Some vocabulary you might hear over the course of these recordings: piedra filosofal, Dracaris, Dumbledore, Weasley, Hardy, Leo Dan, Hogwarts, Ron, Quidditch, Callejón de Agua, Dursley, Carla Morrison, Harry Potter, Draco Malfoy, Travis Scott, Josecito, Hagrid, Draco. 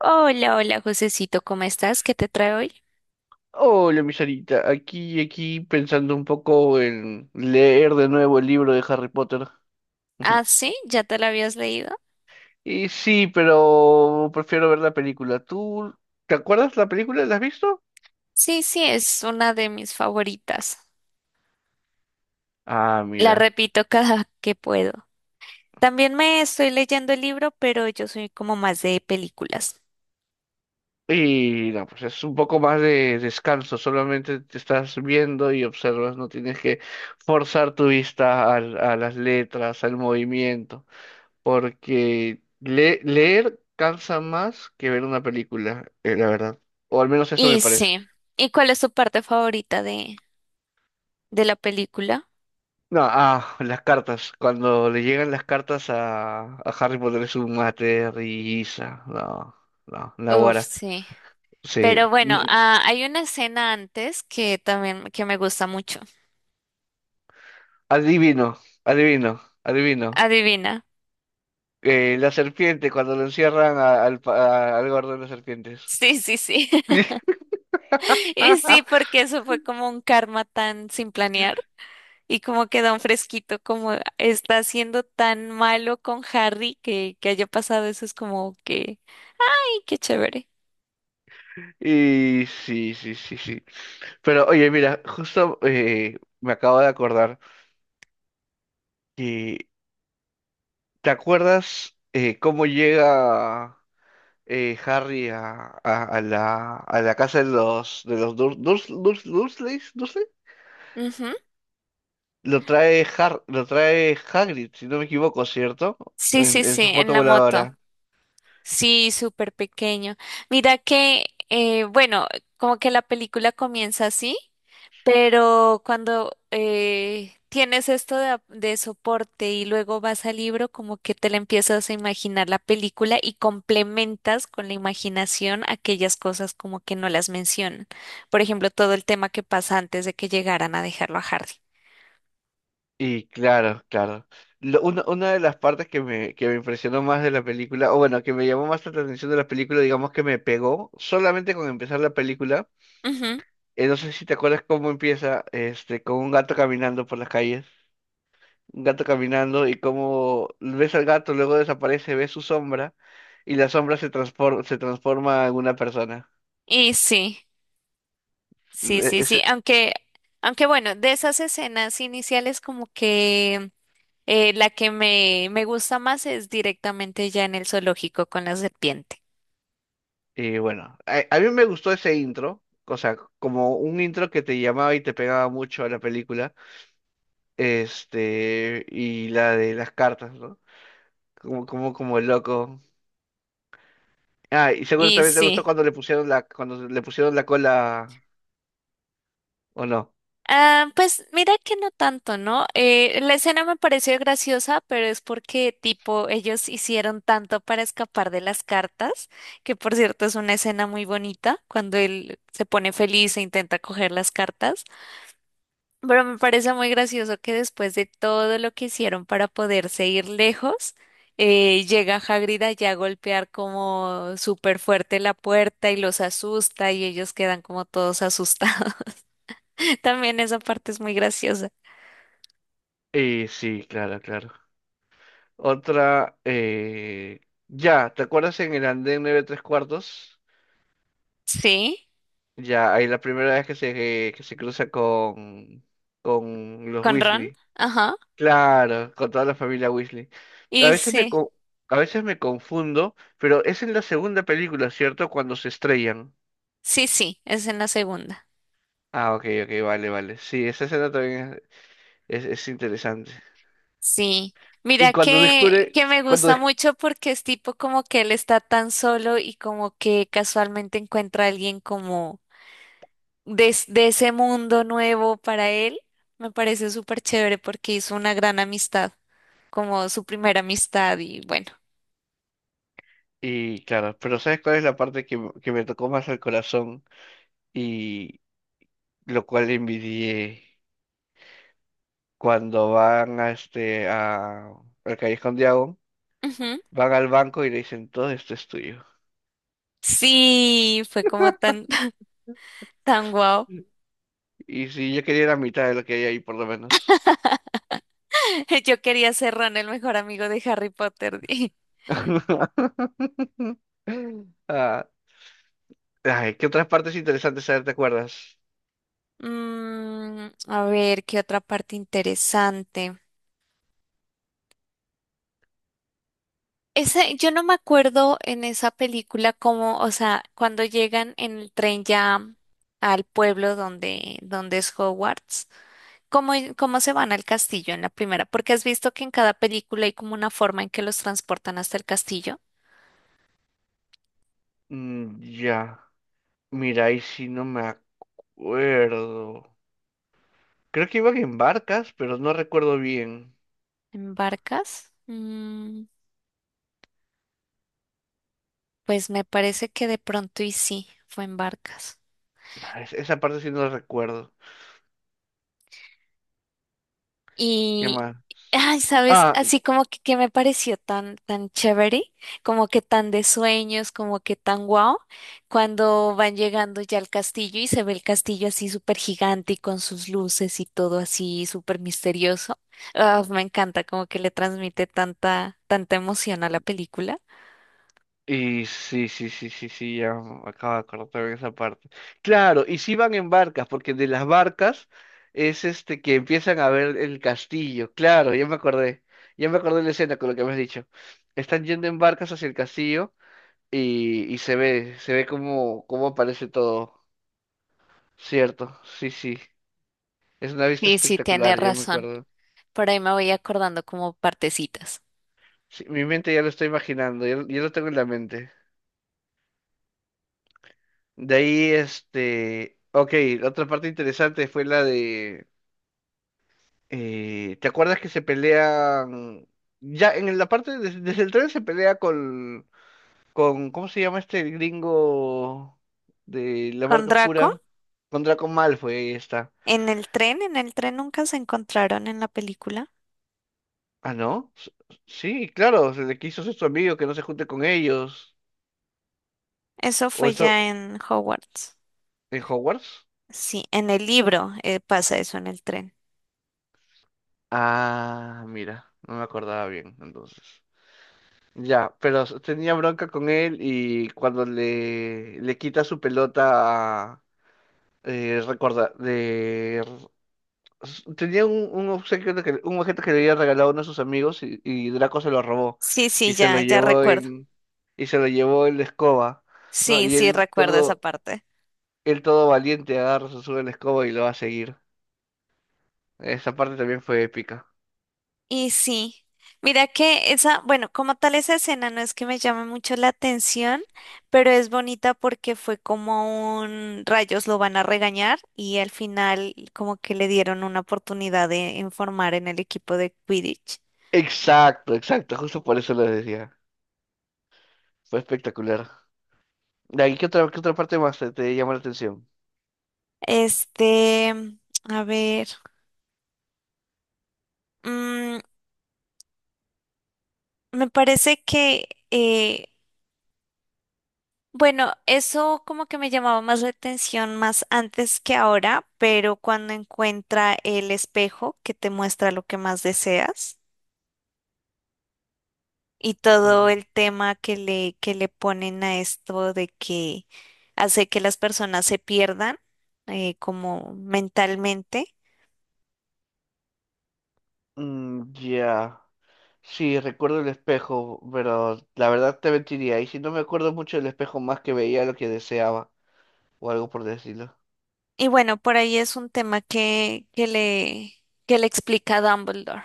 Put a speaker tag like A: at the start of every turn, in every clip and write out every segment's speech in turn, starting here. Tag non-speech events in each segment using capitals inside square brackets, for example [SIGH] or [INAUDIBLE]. A: Hola, hola, Josecito, ¿cómo estás? ¿Qué te trae hoy?
B: Hola, mi Sarita. Aquí pensando un poco en leer de nuevo el libro de Harry Potter.
A: Ah,
B: [LAUGHS]
A: sí, ¿ya te la habías leído?
B: Y sí, pero prefiero ver la película. ¿Tú te acuerdas la película? ¿La has visto?
A: Sí, sí, es una de mis favoritas.
B: Ah,
A: La
B: mira.
A: repito [LAUGHS] cada que puedo. También me estoy leyendo el libro, pero yo soy como más de películas.
B: Y no, pues es un poco más de descanso. Solamente te estás viendo y observas. No tienes que forzar tu vista a las letras, al movimiento. Porque leer cansa más que ver una película, la verdad. O al menos eso me
A: Y
B: parece.
A: sí, ¿y cuál es tu parte favorita de la película?
B: No, las cartas. Cuando le llegan las cartas a Harry Potter es un mate, risa. No, no,
A: Uf,
B: Naguará.
A: sí.
B: Sí.
A: Pero bueno,
B: No,
A: hay una escena antes que también que me gusta mucho.
B: adivino, adivino.
A: Adivina.
B: La serpiente, cuando lo encierran al gordo de las serpientes.
A: Sí, sí, sí. [LAUGHS] Y sí,
B: [LAUGHS]
A: porque eso fue como un karma tan sin planear. Y como que da un fresquito, como está siendo tan malo con Harry que haya pasado eso, es como que, ¡ay, qué chévere!
B: Y sí. Pero oye, mira, justo me acabo de acordar que, ¿te acuerdas cómo llega? Harry a la casa de los Dursley.
A: Ujú.
B: Lo trae Hagrid, si no me equivoco, ¿cierto?
A: Sí, sí,
B: En
A: sí,
B: su
A: en
B: moto
A: la moto.
B: voladora.
A: Sí, súper pequeño. Mira que, bueno, como que la película comienza así. Pero cuando tienes esto de, de soporte y luego vas al libro, como que te la empiezas a imaginar la película y complementas con la imaginación aquellas cosas como que no las mencionan. Por ejemplo, todo el tema que pasa antes de que llegaran a dejarlo a Hardy.
B: Y claro. Una de las partes que que me impresionó más de la película, o bueno, que me llamó más la atención de la película, digamos que me pegó, solamente con empezar la película,
A: Ujú.
B: no sé si te acuerdas cómo empieza, este, con un gato caminando por las calles. Un gato caminando y como ves al gato, luego desaparece, ves su sombra y la sombra se transforma en una persona.
A: Y sí, sí,
B: E-
A: sí, sí.
B: ese-
A: Aunque, aunque bueno, de esas escenas iniciales como que la que me gusta más es directamente ya en el zoológico con la serpiente.
B: y bueno, a mí me gustó ese intro, o sea, como un intro que te llamaba y te pegaba mucho a la película, este, y la de las cartas, ¿no? Como el loco. Ah, y seguro
A: Y
B: también te gustó
A: sí.
B: cuando le pusieron cuando le pusieron la cola, ¿o no?
A: Ah, pues mira que no tanto, ¿no? La escena me pareció graciosa, pero es porque tipo ellos hicieron tanto para escapar de las cartas, que por cierto es una escena muy bonita cuando él se pone feliz e intenta coger las cartas, pero me parece muy gracioso que después de todo lo que hicieron para poderse ir lejos, llega Hagrid allá a golpear como súper fuerte la puerta y los asusta y ellos quedan como todos asustados. [LAUGHS] También esa parte es muy graciosa.
B: Y sí, claro. Otra, ya, ¿te acuerdas en el andén 9 3/4?
A: Sí,
B: Ya, ahí la primera vez que que se cruza con los
A: con Ron,
B: Weasley.
A: ajá.
B: Claro, con toda la familia Weasley. A
A: Y
B: veces me,
A: sí,
B: co- a veces me confundo, pero es en la segunda película, ¿cierto? Cuando se estrellan.
A: sí, sí, es en la segunda.
B: Ah, ok, vale. Sí, esa escena también es interesante.
A: Sí.
B: Y
A: Mira
B: cuando descubre,
A: que me
B: cuando
A: gusta
B: des-
A: mucho porque es tipo como que él está tan solo y como que casualmente encuentra a alguien como de, de ese mundo nuevo para él, me parece súper chévere porque hizo una gran amistad, como su primera amistad y bueno,
B: Y claro, pero ¿sabes cuál es la parte que me tocó más al corazón? Lo cual envidié cuando van a al Callejón de Agua,
A: ujú.
B: van al banco y le dicen todo esto es tuyo.
A: Sí, fue como tan, [LAUGHS] tan guau.
B: Y si yo quería la mitad de lo que hay ahí, por lo menos.
A: [LAUGHS] Yo quería ser Ron, el mejor amigo de Harry Potter. [LAUGHS] di.
B: [LAUGHS] Ah, ay, ¿qué otras partes interesantes a te acuerdas?
A: Mm, a ver, qué otra parte interesante. Ese, yo no me acuerdo en esa película cómo, o sea, cuando llegan en el tren ya al pueblo donde, donde es Hogwarts, cómo, cómo se van al castillo en la primera, porque has visto que en cada película hay como una forma en que los transportan hasta el castillo.
B: Mm, ya, mira, ahí sí no me acuerdo. Creo que iban en barcas, pero no recuerdo bien.
A: ¿En barcas? Mm, pues me parece que de pronto y sí, fue en barcas.
B: Ah, esa parte sí no la recuerdo. ¿Qué
A: Y,
B: más?
A: ay, ¿sabes?
B: Ah,
A: Así como que me pareció tan, tan chévere, como que tan de sueños, como que tan guau, cuando van llegando ya al castillo y se ve el castillo así súper gigante y con sus luces y todo así súper misterioso. Ah, me encanta, como que le transmite tanta, tanta emoción a la película.
B: y sí, ya me acabo de acordar de esa parte. Claro, y sí van en barcas, porque de las barcas es que empiezan a ver el castillo. Claro, ya me acordé. Ya me acordé de la escena con lo que me has dicho. Están yendo en barcas hacia el castillo y se ve cómo aparece todo. Cierto, sí, sí. Es una vista
A: Y sí, tiene
B: espectacular, ya me
A: razón.
B: acuerdo.
A: Por ahí me voy acordando como partecitas.
B: Sí, mi mente ya lo estoy imaginando, ya, ya lo tengo en la mente. De ahí, este, ok, la otra parte interesante fue la de ¿te acuerdas que se pelean? Ya en la parte, el tren se pelea con, ¿cómo se llama este el gringo de la
A: Con
B: marca
A: Draco,
B: oscura? Con Draco Malfoy, ahí está.
A: en el tren nunca se encontraron en la película.
B: Ah, ¿no? S- sí, claro, se le quiso ser su amigo que no se junte con ellos.
A: Eso
B: ¿O
A: fue
B: eso
A: ya en Hogwarts.
B: en Hogwarts?
A: Sí, en el libro pasa eso en el tren.
B: Ah, mira, no me acordaba bien, entonces. Ya, pero tenía bronca con él y cuando le quita su pelota recuerda, de... Tenía un obsequio un objeto que le había regalado uno de sus amigos y Draco se lo robó
A: Sí, sí,
B: y se lo
A: ya, ya
B: llevó
A: recuerdo.
B: en y se lo llevó en la escoba, ¿no?
A: Sí, sí, recuerdo esa parte.
B: Él todo valiente agarra, se sube a la escoba y lo va a seguir. Esa parte también fue épica.
A: Y sí, mira que esa, bueno, como tal esa escena no es que me llame mucho la atención, pero es bonita porque fue como un rayos lo van a regañar y al final como que le dieron una oportunidad de informar en el equipo de Quidditch.
B: Exacto, justo por eso lo decía. Fue espectacular. ¿Y qué otra parte más te llamó la atención?
A: Este, a ver, mm, me parece que bueno, eso como que me llamaba más la atención más antes que ahora, pero cuando encuentra el espejo que te muestra lo que más deseas y todo
B: Mm,
A: el tema que le ponen a esto de que hace que las personas se pierdan como mentalmente.
B: ya. Sí, recuerdo el espejo, pero la verdad te mentiría. Y si no me acuerdo mucho del espejo, más que veía lo que deseaba o algo por decirlo.
A: Y bueno, por ahí es un tema que le explica Dumbledore.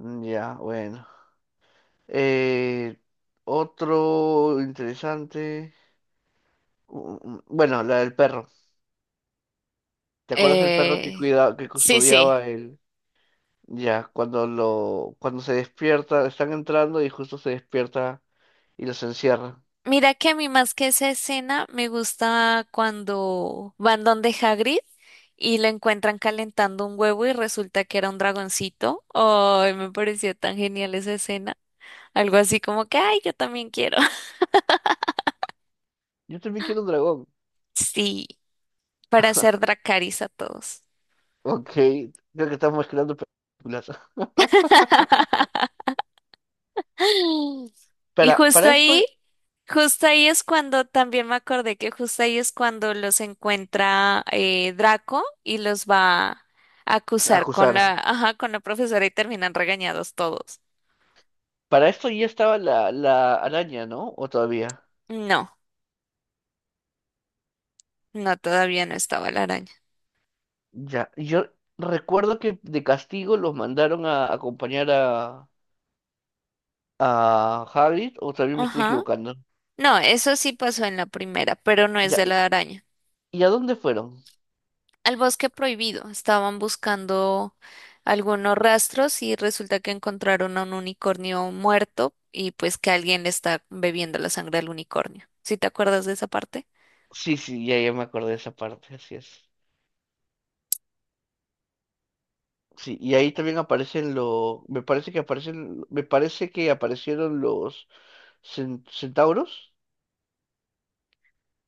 B: Mm, ya, bueno. Eh, otro interesante. Bueno, la del perro. ¿Te acuerdas del perro que
A: Eh,
B: cuidaba, que
A: sí, sí.
B: custodiaba el... Ya, cuando se despierta, están entrando y justo se despierta y los encierra.
A: Mira que a mí más que esa escena me gusta cuando van donde Hagrid y lo encuentran calentando un huevo y resulta que era un dragoncito. Ay, me pareció tan genial esa escena. Algo así como que, ay, yo también quiero. [LAUGHS]
B: Yo también quiero un dragón. [LAUGHS]
A: Sí, para hacer Dracaris a todos.
B: Ok, creo que estamos mezclando películas. [LAUGHS]
A: Y
B: Para, para esto,
A: justo ahí es cuando también me acordé que justo ahí es cuando los encuentra Draco y los va a acusar con la,
B: acusar.
A: ajá, con la profesora y terminan regañados todos.
B: Para esto ya estaba la araña, ¿no? ¿O todavía?
A: No, no, todavía no estaba la araña.
B: Ya, yo recuerdo que de castigo los mandaron a acompañar a Hagrid, o también me estoy
A: Ajá.
B: equivocando.
A: No, eso sí pasó en la primera, pero no es
B: Ya,
A: de la araña.
B: ¿y a dónde fueron?
A: Al bosque prohibido. Estaban buscando algunos rastros y resulta que encontraron a un unicornio muerto y pues que alguien le está bebiendo la sangre al unicornio. ¿Sí te acuerdas de esa parte?
B: Sí, sí, ya me acordé de esa parte, así es. Sí, y ahí también aparecen los, me parece que aparecen, me parece que aparecieron los centauros.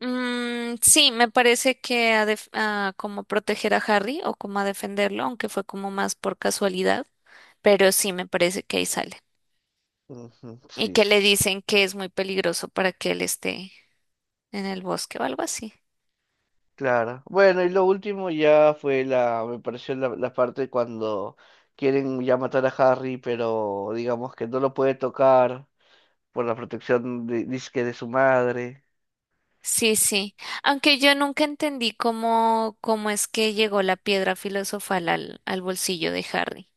A: Mm, sí, me parece que a como proteger a Harry o como a defenderlo, aunque fue como más por casualidad, pero sí me parece que ahí sale.
B: Ujú,
A: Y
B: sí,
A: que le
B: sí,
A: dicen que es muy peligroso para que él esté en el bosque o algo así.
B: claro. Bueno, y lo último ya fue me pareció la parte cuando quieren ya matar a Harry, pero digamos que no lo puede tocar por la protección de, dizque de su madre,
A: Sí, sí. Aunque yo nunca entendí cómo, cómo es que llegó la piedra filosofal al, al bolsillo de Harry.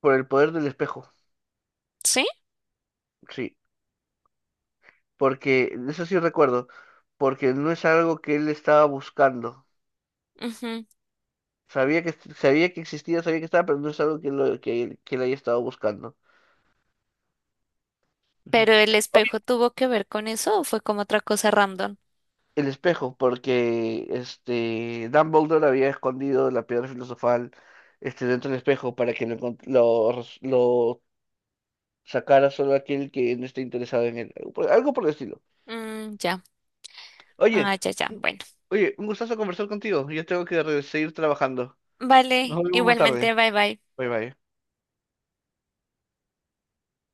B: por el poder del espejo,
A: ¿Sí?
B: sí, porque eso sí recuerdo, porque no es algo que él estaba buscando.
A: Ujú.
B: Sabía que existía, sabía que estaba, pero no es algo que le haya estado buscando. Ujú.
A: ¿Pero el
B: Obvio,
A: espejo tuvo que ver con eso o fue como otra cosa random?
B: el espejo, porque este, Dumbledore había escondido la piedra filosofal este, dentro del espejo para que lo, encont- lo, res- lo sacara solo aquel que no esté interesado en él. Algo por, algo por el estilo.
A: Mm, ya.
B: Oye,
A: Ah, ya, ya.
B: un-
A: Bueno.
B: oye, un gustazo conversar contigo. Yo tengo que seguir trabajando. Nos
A: Vale.
B: vemos más
A: Igualmente,
B: tarde.
A: bye bye.
B: Bye bye.